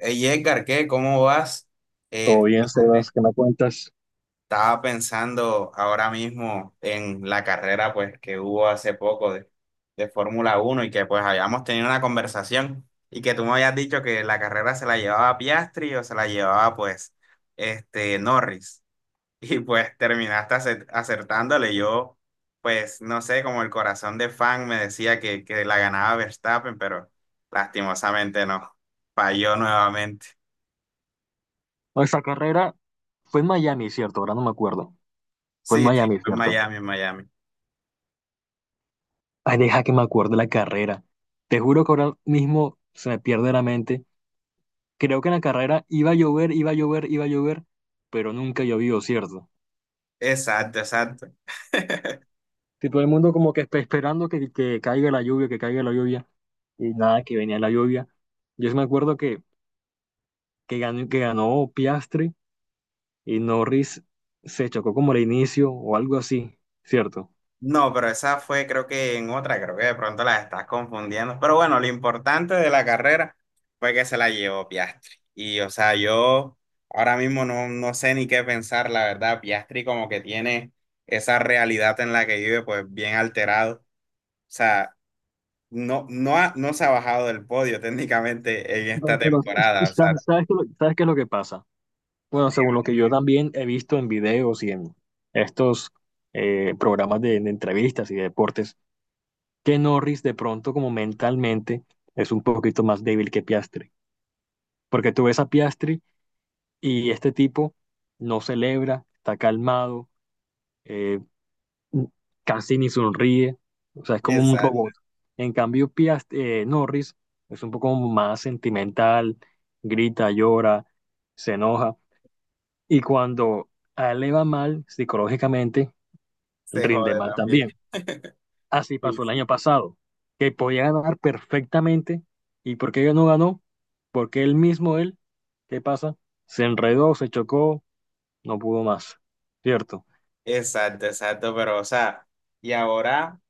Hey Edgar, ¿qué? ¿Cómo vas? Todo bien, Sebas, Fíjate, ¿qué me cuentas? estaba pensando ahora mismo en la carrera pues que hubo hace poco de Fórmula Uno y que pues habíamos tenido una conversación y que tú me habías dicho que la carrera se la llevaba Piastri o se la llevaba pues Norris y pues terminaste acertándole. Yo pues no sé, como el corazón de fan me decía que la ganaba Verstappen, pero lastimosamente no, falló nuevamente. Nuestra carrera fue en Miami, ¿cierto? Ahora no me acuerdo. Fue en Sí, sí, Miami, en ¿cierto? Miami, en Miami. Ay, deja que me acuerde la carrera. Te juro que ahora mismo se me pierde la mente. Creo que en la carrera iba a llover, iba a llover, iba a llover, pero nunca llovió, ¿cierto? Exacto, exacto. Y todo el mundo como que esperando que caiga la lluvia, que caiga la lluvia, y nada, que venía la lluvia. Yo sí me acuerdo que ganó Piastri, y Norris se chocó como al inicio o algo así, ¿cierto? No, pero esa fue creo que en otra, creo que de pronto la estás confundiendo. Pero bueno, lo importante de la carrera fue que se la llevó Piastri. Y o sea, yo ahora mismo no sé ni qué pensar, la verdad. Piastri como que tiene esa realidad en la que vive pues bien alterado. O sea, no se ha bajado del podio técnicamente en No, esta pero temporada. O sea, ¿sabes qué es lo que pasa? Bueno, según lo que yo también he visto en videos y en estos programas de entrevistas y de deportes, que Norris de pronto como mentalmente es un poquito más débil que Piastri. Porque tú ves a Piastri y este tipo no celebra, está calmado, eh, casi ni sonríe, o sea, es como un exacto, robot. En cambio, Piast Norris es un poco más sentimental, grita, llora, se enoja. Y cuando a él le va mal psicológicamente, se rinde jode mal también. también. Así Sí, pasó el sí. año pasado, que podía ganar perfectamente. ¿Y por qué no ganó? Porque él mismo, él, ¿qué pasa? Se enredó, se chocó, no pudo más. ¿Cierto? Exacto, exacto, pero o sea, y ahora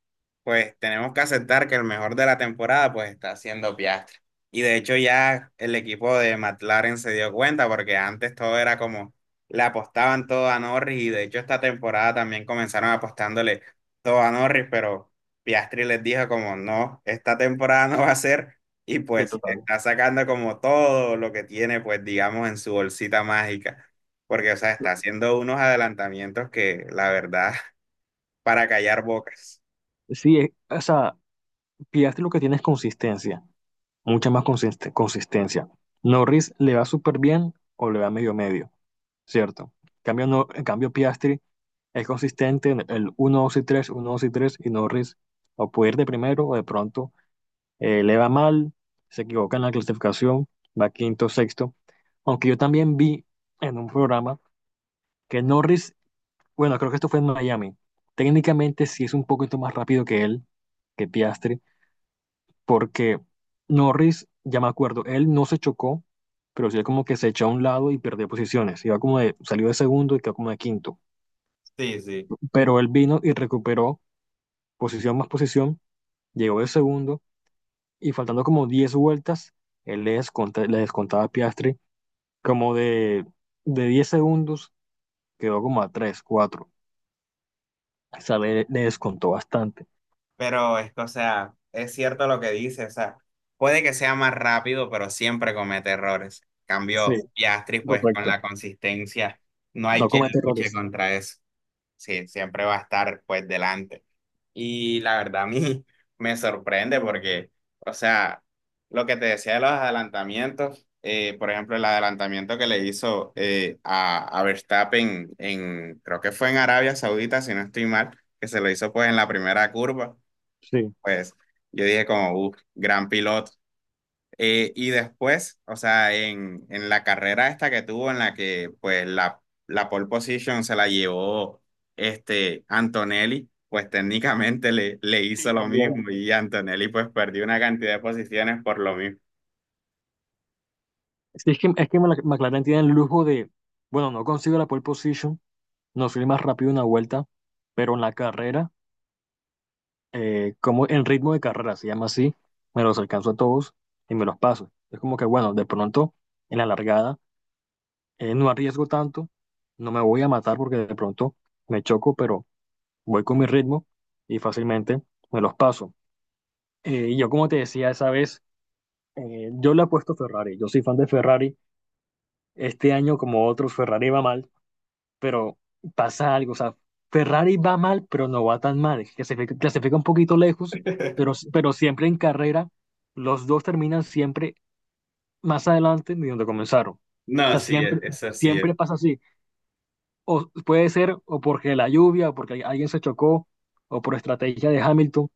pues tenemos que aceptar que el mejor de la temporada pues está siendo Piastri. Y de hecho ya el equipo de McLaren se dio cuenta porque antes todo era como le apostaban todo a Norris y de hecho esta temporada también comenzaron apostándole todo a Norris, pero Piastri les dijo como no, esta temporada no va a ser y Sí, pues total. está sacando como todo lo que tiene pues digamos en su bolsita mágica. Porque, o sea, está haciendo unos adelantamientos que, la verdad, para callar bocas. Sí, o sea, Piastri lo que tiene es consistencia, mucha más consistencia. Norris le va súper bien o le va medio medio. Cierto. En cambio, no, en cambio Piastri es consistente en el uno 2 y tres uno dos y tres, y Norris o puede ir de primero o de pronto le va mal, se equivoca en la clasificación, va quinto, sexto. Aunque yo también vi en un programa que Norris, bueno, creo que esto fue en Miami, técnicamente sí es un poquito más rápido que él, que Piastri, porque Norris, ya me acuerdo, él no se chocó, pero sí como que se echó a un lado y perdió posiciones. Salió de segundo y quedó como de quinto, Sí, sí. pero él vino y recuperó posición más posición, llegó de segundo, y faltando como 10 vueltas, él le descontaba a Piastri como de 10 segundos, quedó como a tres, cuatro. O sea, le descontó bastante. Pero es que, o sea, es cierto lo que dice, o sea, puede que sea más rápido, pero siempre comete errores. Sí, Cambio Piastri, pues con correcto. la consistencia, no hay No quien comete luche errores. contra eso. Sí, siempre va a estar pues delante. Y la verdad a mí me sorprende porque, o sea, lo que te decía de los adelantamientos, por ejemplo, el adelantamiento que le hizo a Verstappen en, creo que fue en Arabia Saudita, si no estoy mal, que se lo hizo pues en la primera curva Sí. pues yo dije como, uff, gran piloto. Y después, o sea, en la carrera esta que tuvo, en la que pues la pole position se la llevó Antonelli, pues técnicamente le Sí, hizo lo también. mismo y Antonelli pues perdió una cantidad de posiciones por lo mismo. Sí, es que McLaren tiene el lujo de, bueno, no consigo la pole position, no soy el más rápido en una vuelta, pero en la carrera, como en ritmo de carrera, se llama así, me los alcanzo a todos y me los paso. Es como que, bueno, de pronto en la largada no arriesgo tanto, no me voy a matar porque de pronto me choco, pero voy con mi ritmo y fácilmente me los paso. Y yo, como te decía esa vez, yo le apuesto a Ferrari, yo soy fan de Ferrari. Este año, como otros, Ferrari va mal, pero pasa algo, o sea, Ferrari va mal, pero no va tan mal, clasifica un poquito lejos, pero siempre en carrera, los dos terminan siempre más adelante de donde comenzaron. O No, sea, sí, es, siempre, eso sí es. siempre pasa así. O puede ser o porque la lluvia, o porque alguien se chocó, o por estrategia de Hamilton,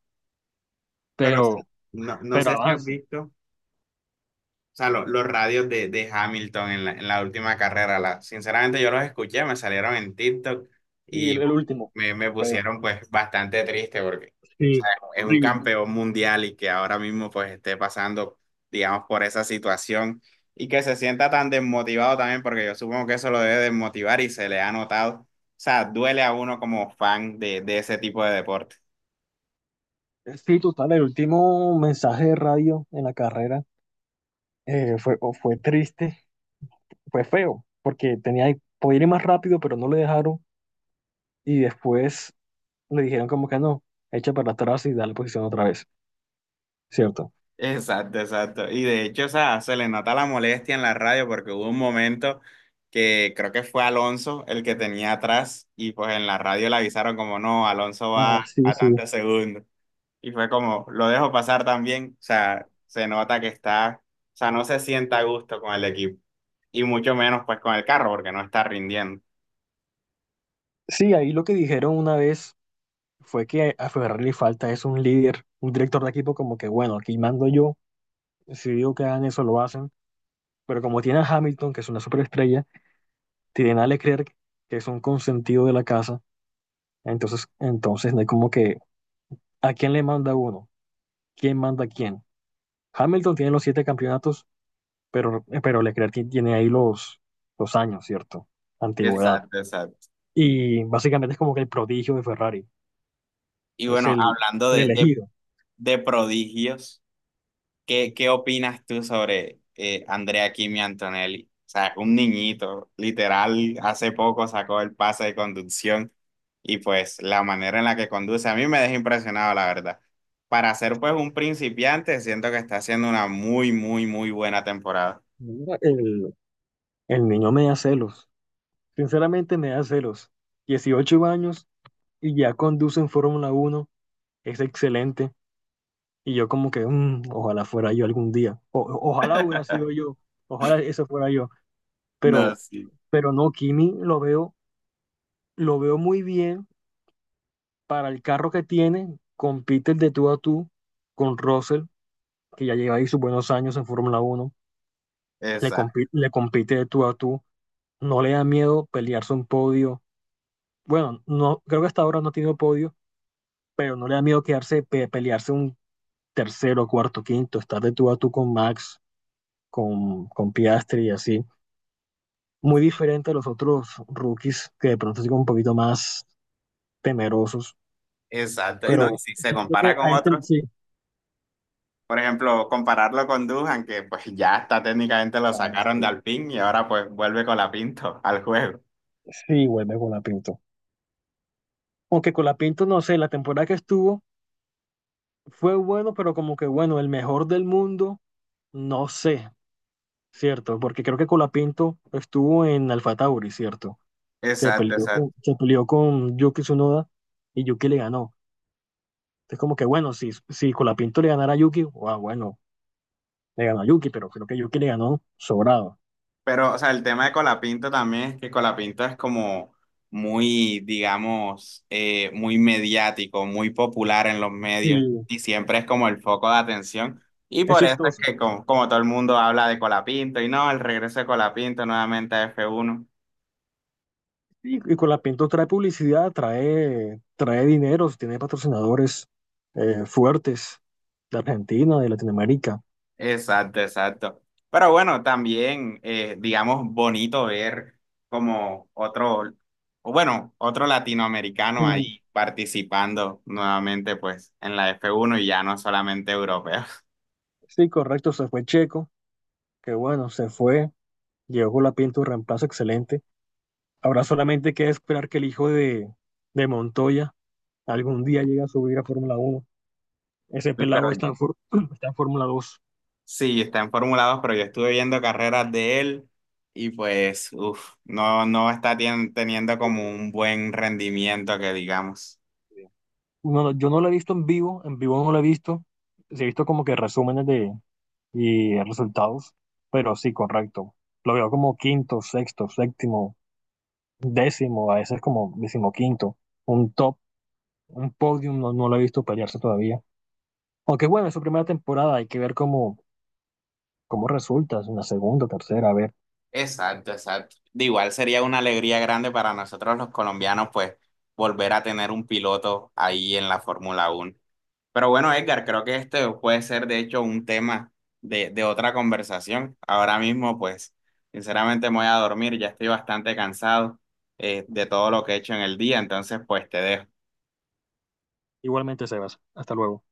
Pero o sea, pero, no, no pero sé si has avanza. visto. O sea, los radios de Hamilton en en la última carrera, la, sinceramente yo los escuché, me salieron en TikTok Y y el último, me feo. pusieron pues bastante triste porque o Sí, sea, es un horrible. campeón mundial y que ahora mismo pues esté pasando, digamos, por esa situación y que se sienta tan desmotivado también porque yo supongo que eso lo debe desmotivar y se le ha notado. O sea, duele a uno como fan de ese tipo de deporte. Sí, total, el último mensaje de radio en la carrera, fue, o fue triste, fue feo, porque tenía, podía ir más rápido, pero no le dejaron, y después le dijeron como que no, echa para atrás y da la posición otra vez, ¿cierto? Exacto, exacto. Y de hecho, o sea, se le nota la molestia en la radio porque hubo un momento que creo que fue Alonso el que tenía atrás y pues en la radio le avisaron como no, Alonso Ah, va sí, a sí. tantos segundos. Y fue como, lo dejo pasar también. O sea, se nota que está, o sea, no se sienta a gusto con el equipo y mucho menos pues con el carro porque no está rindiendo. Sí, ahí lo que dijeron una vez fue que a Ferrari le falta es un líder, un director de equipo como que, bueno, aquí mando yo, si digo que hagan eso, lo hacen, pero como tiene a Hamilton, que es una superestrella, tienen a Leclerc, que es un consentido de la casa, entonces no hay como que, ¿a quién le manda uno? ¿Quién manda a quién? Hamilton tiene los siete campeonatos, pero Leclerc tiene ahí los años, ¿cierto? Antigüedad. Exacto, exacto. Y básicamente es como que el prodigio de Ferrari, Y es bueno, el, hablando el elegido. de prodigios. ¿Qué, qué opinas tú sobre Andrea Kimi Antonelli? O sea, un niñito, literal, hace poco sacó el pase de conducción y pues la manera en la que conduce a mí me deja impresionado, la verdad. Para ser pues un principiante, siento que está haciendo una muy, muy, muy buena temporada. Mira, el niño me da celos, sinceramente me da celos. 18 años y ya conduce en Fórmula Uno, es excelente. Y yo como que, "Ojalá fuera yo algún día, ojalá hubiera sido yo, ojalá eso fuera yo, No, pero, sí. pero no, Kimi lo veo muy bien para el carro que tiene, compite de tú a tú con Russell, que ya lleva ahí sus buenos años en Fórmula Uno. le, Esa, compi- le compite de tú a tú, no le da miedo pelearse un podio. Bueno, no, creo que hasta ahora no ha tenido podio, pero no le da miedo pelearse un tercero, cuarto, quinto, estar de tú a tú con Max, con Piastri y así. Muy diferente a los otros rookies que de pronto son un poquito más temerosos, exacto. Y no, y pero si se siento compara que con a este otros, sí. por ejemplo, compararlo con Dujan, que pues ya está técnicamente lo Ah, sacaron de sí, Alpine y ahora pues vuelve con la Pinto al juego. sí, vuelve con la pinta. Aunque Colapinto, no sé, la temporada que estuvo fue bueno, pero como que bueno, el mejor del mundo, no sé, ¿cierto? Porque creo que Colapinto estuvo en Alfa Tauri, ¿cierto? Se Exacto, peleó con, exacto. se peleó con Yuki Tsunoda y Yuki le ganó. Entonces como que bueno, si Colapinto le ganara a Yuki, ah, bueno, le ganó a Yuki, pero creo que Yuki le ganó sobrado. Pero, o sea, el tema de Colapinto también es que Colapinto es como muy, digamos, muy mediático, muy popular en los Sí, medios y siempre es como el foco de atención. Y es por eso es chistoso. que como, como todo el mundo habla de Colapinto y no, el regreso de Colapinto nuevamente a f uno. Y con la Pinto trae publicidad, trae dinero, tiene patrocinadores fuertes, de Argentina, de Latinoamérica. Exacto, exacto. Pero bueno, también, digamos, bonito ver como otro, o bueno, otro latinoamericano Sí, ahí participando nuevamente pues en la f uno y ya no solamente europeo. sí, correcto, se fue Checo, que bueno, se fue, llegó con la Pinto, un reemplazo excelente. Ahora solamente queda esperar que el hijo de Montoya algún día llegue a subir a Fórmula Uno. Ese Sí, pero pelado está en Fórmula 2. sí, está en Fórmula 2, pero yo estuve viendo carreras de él y pues, uff, no, no está teniendo como un buen rendimiento que digamos. No, no, yo no lo he visto en vivo no lo he visto. Sí, he visto como que resúmenes y resultados, pero sí, correcto. Lo veo como quinto, sexto, séptimo, décimo, a veces como decimoquinto, un top, un podium, no, no lo he visto pelearse todavía. Aunque bueno, es su primera temporada, hay que ver cómo resulta en la segunda, tercera, a ver. Exacto, exacto. De igual sería una alegría grande para nosotros los colombianos, pues, volver a tener un piloto ahí en la Fórmula Uno. Pero bueno, Edgar, creo que este puede ser de hecho un tema de otra conversación. Ahora mismo, pues, sinceramente me voy a dormir, ya estoy bastante cansado de todo lo que he hecho en el día, entonces, pues, te dejo. Igualmente, Sebas, hasta luego.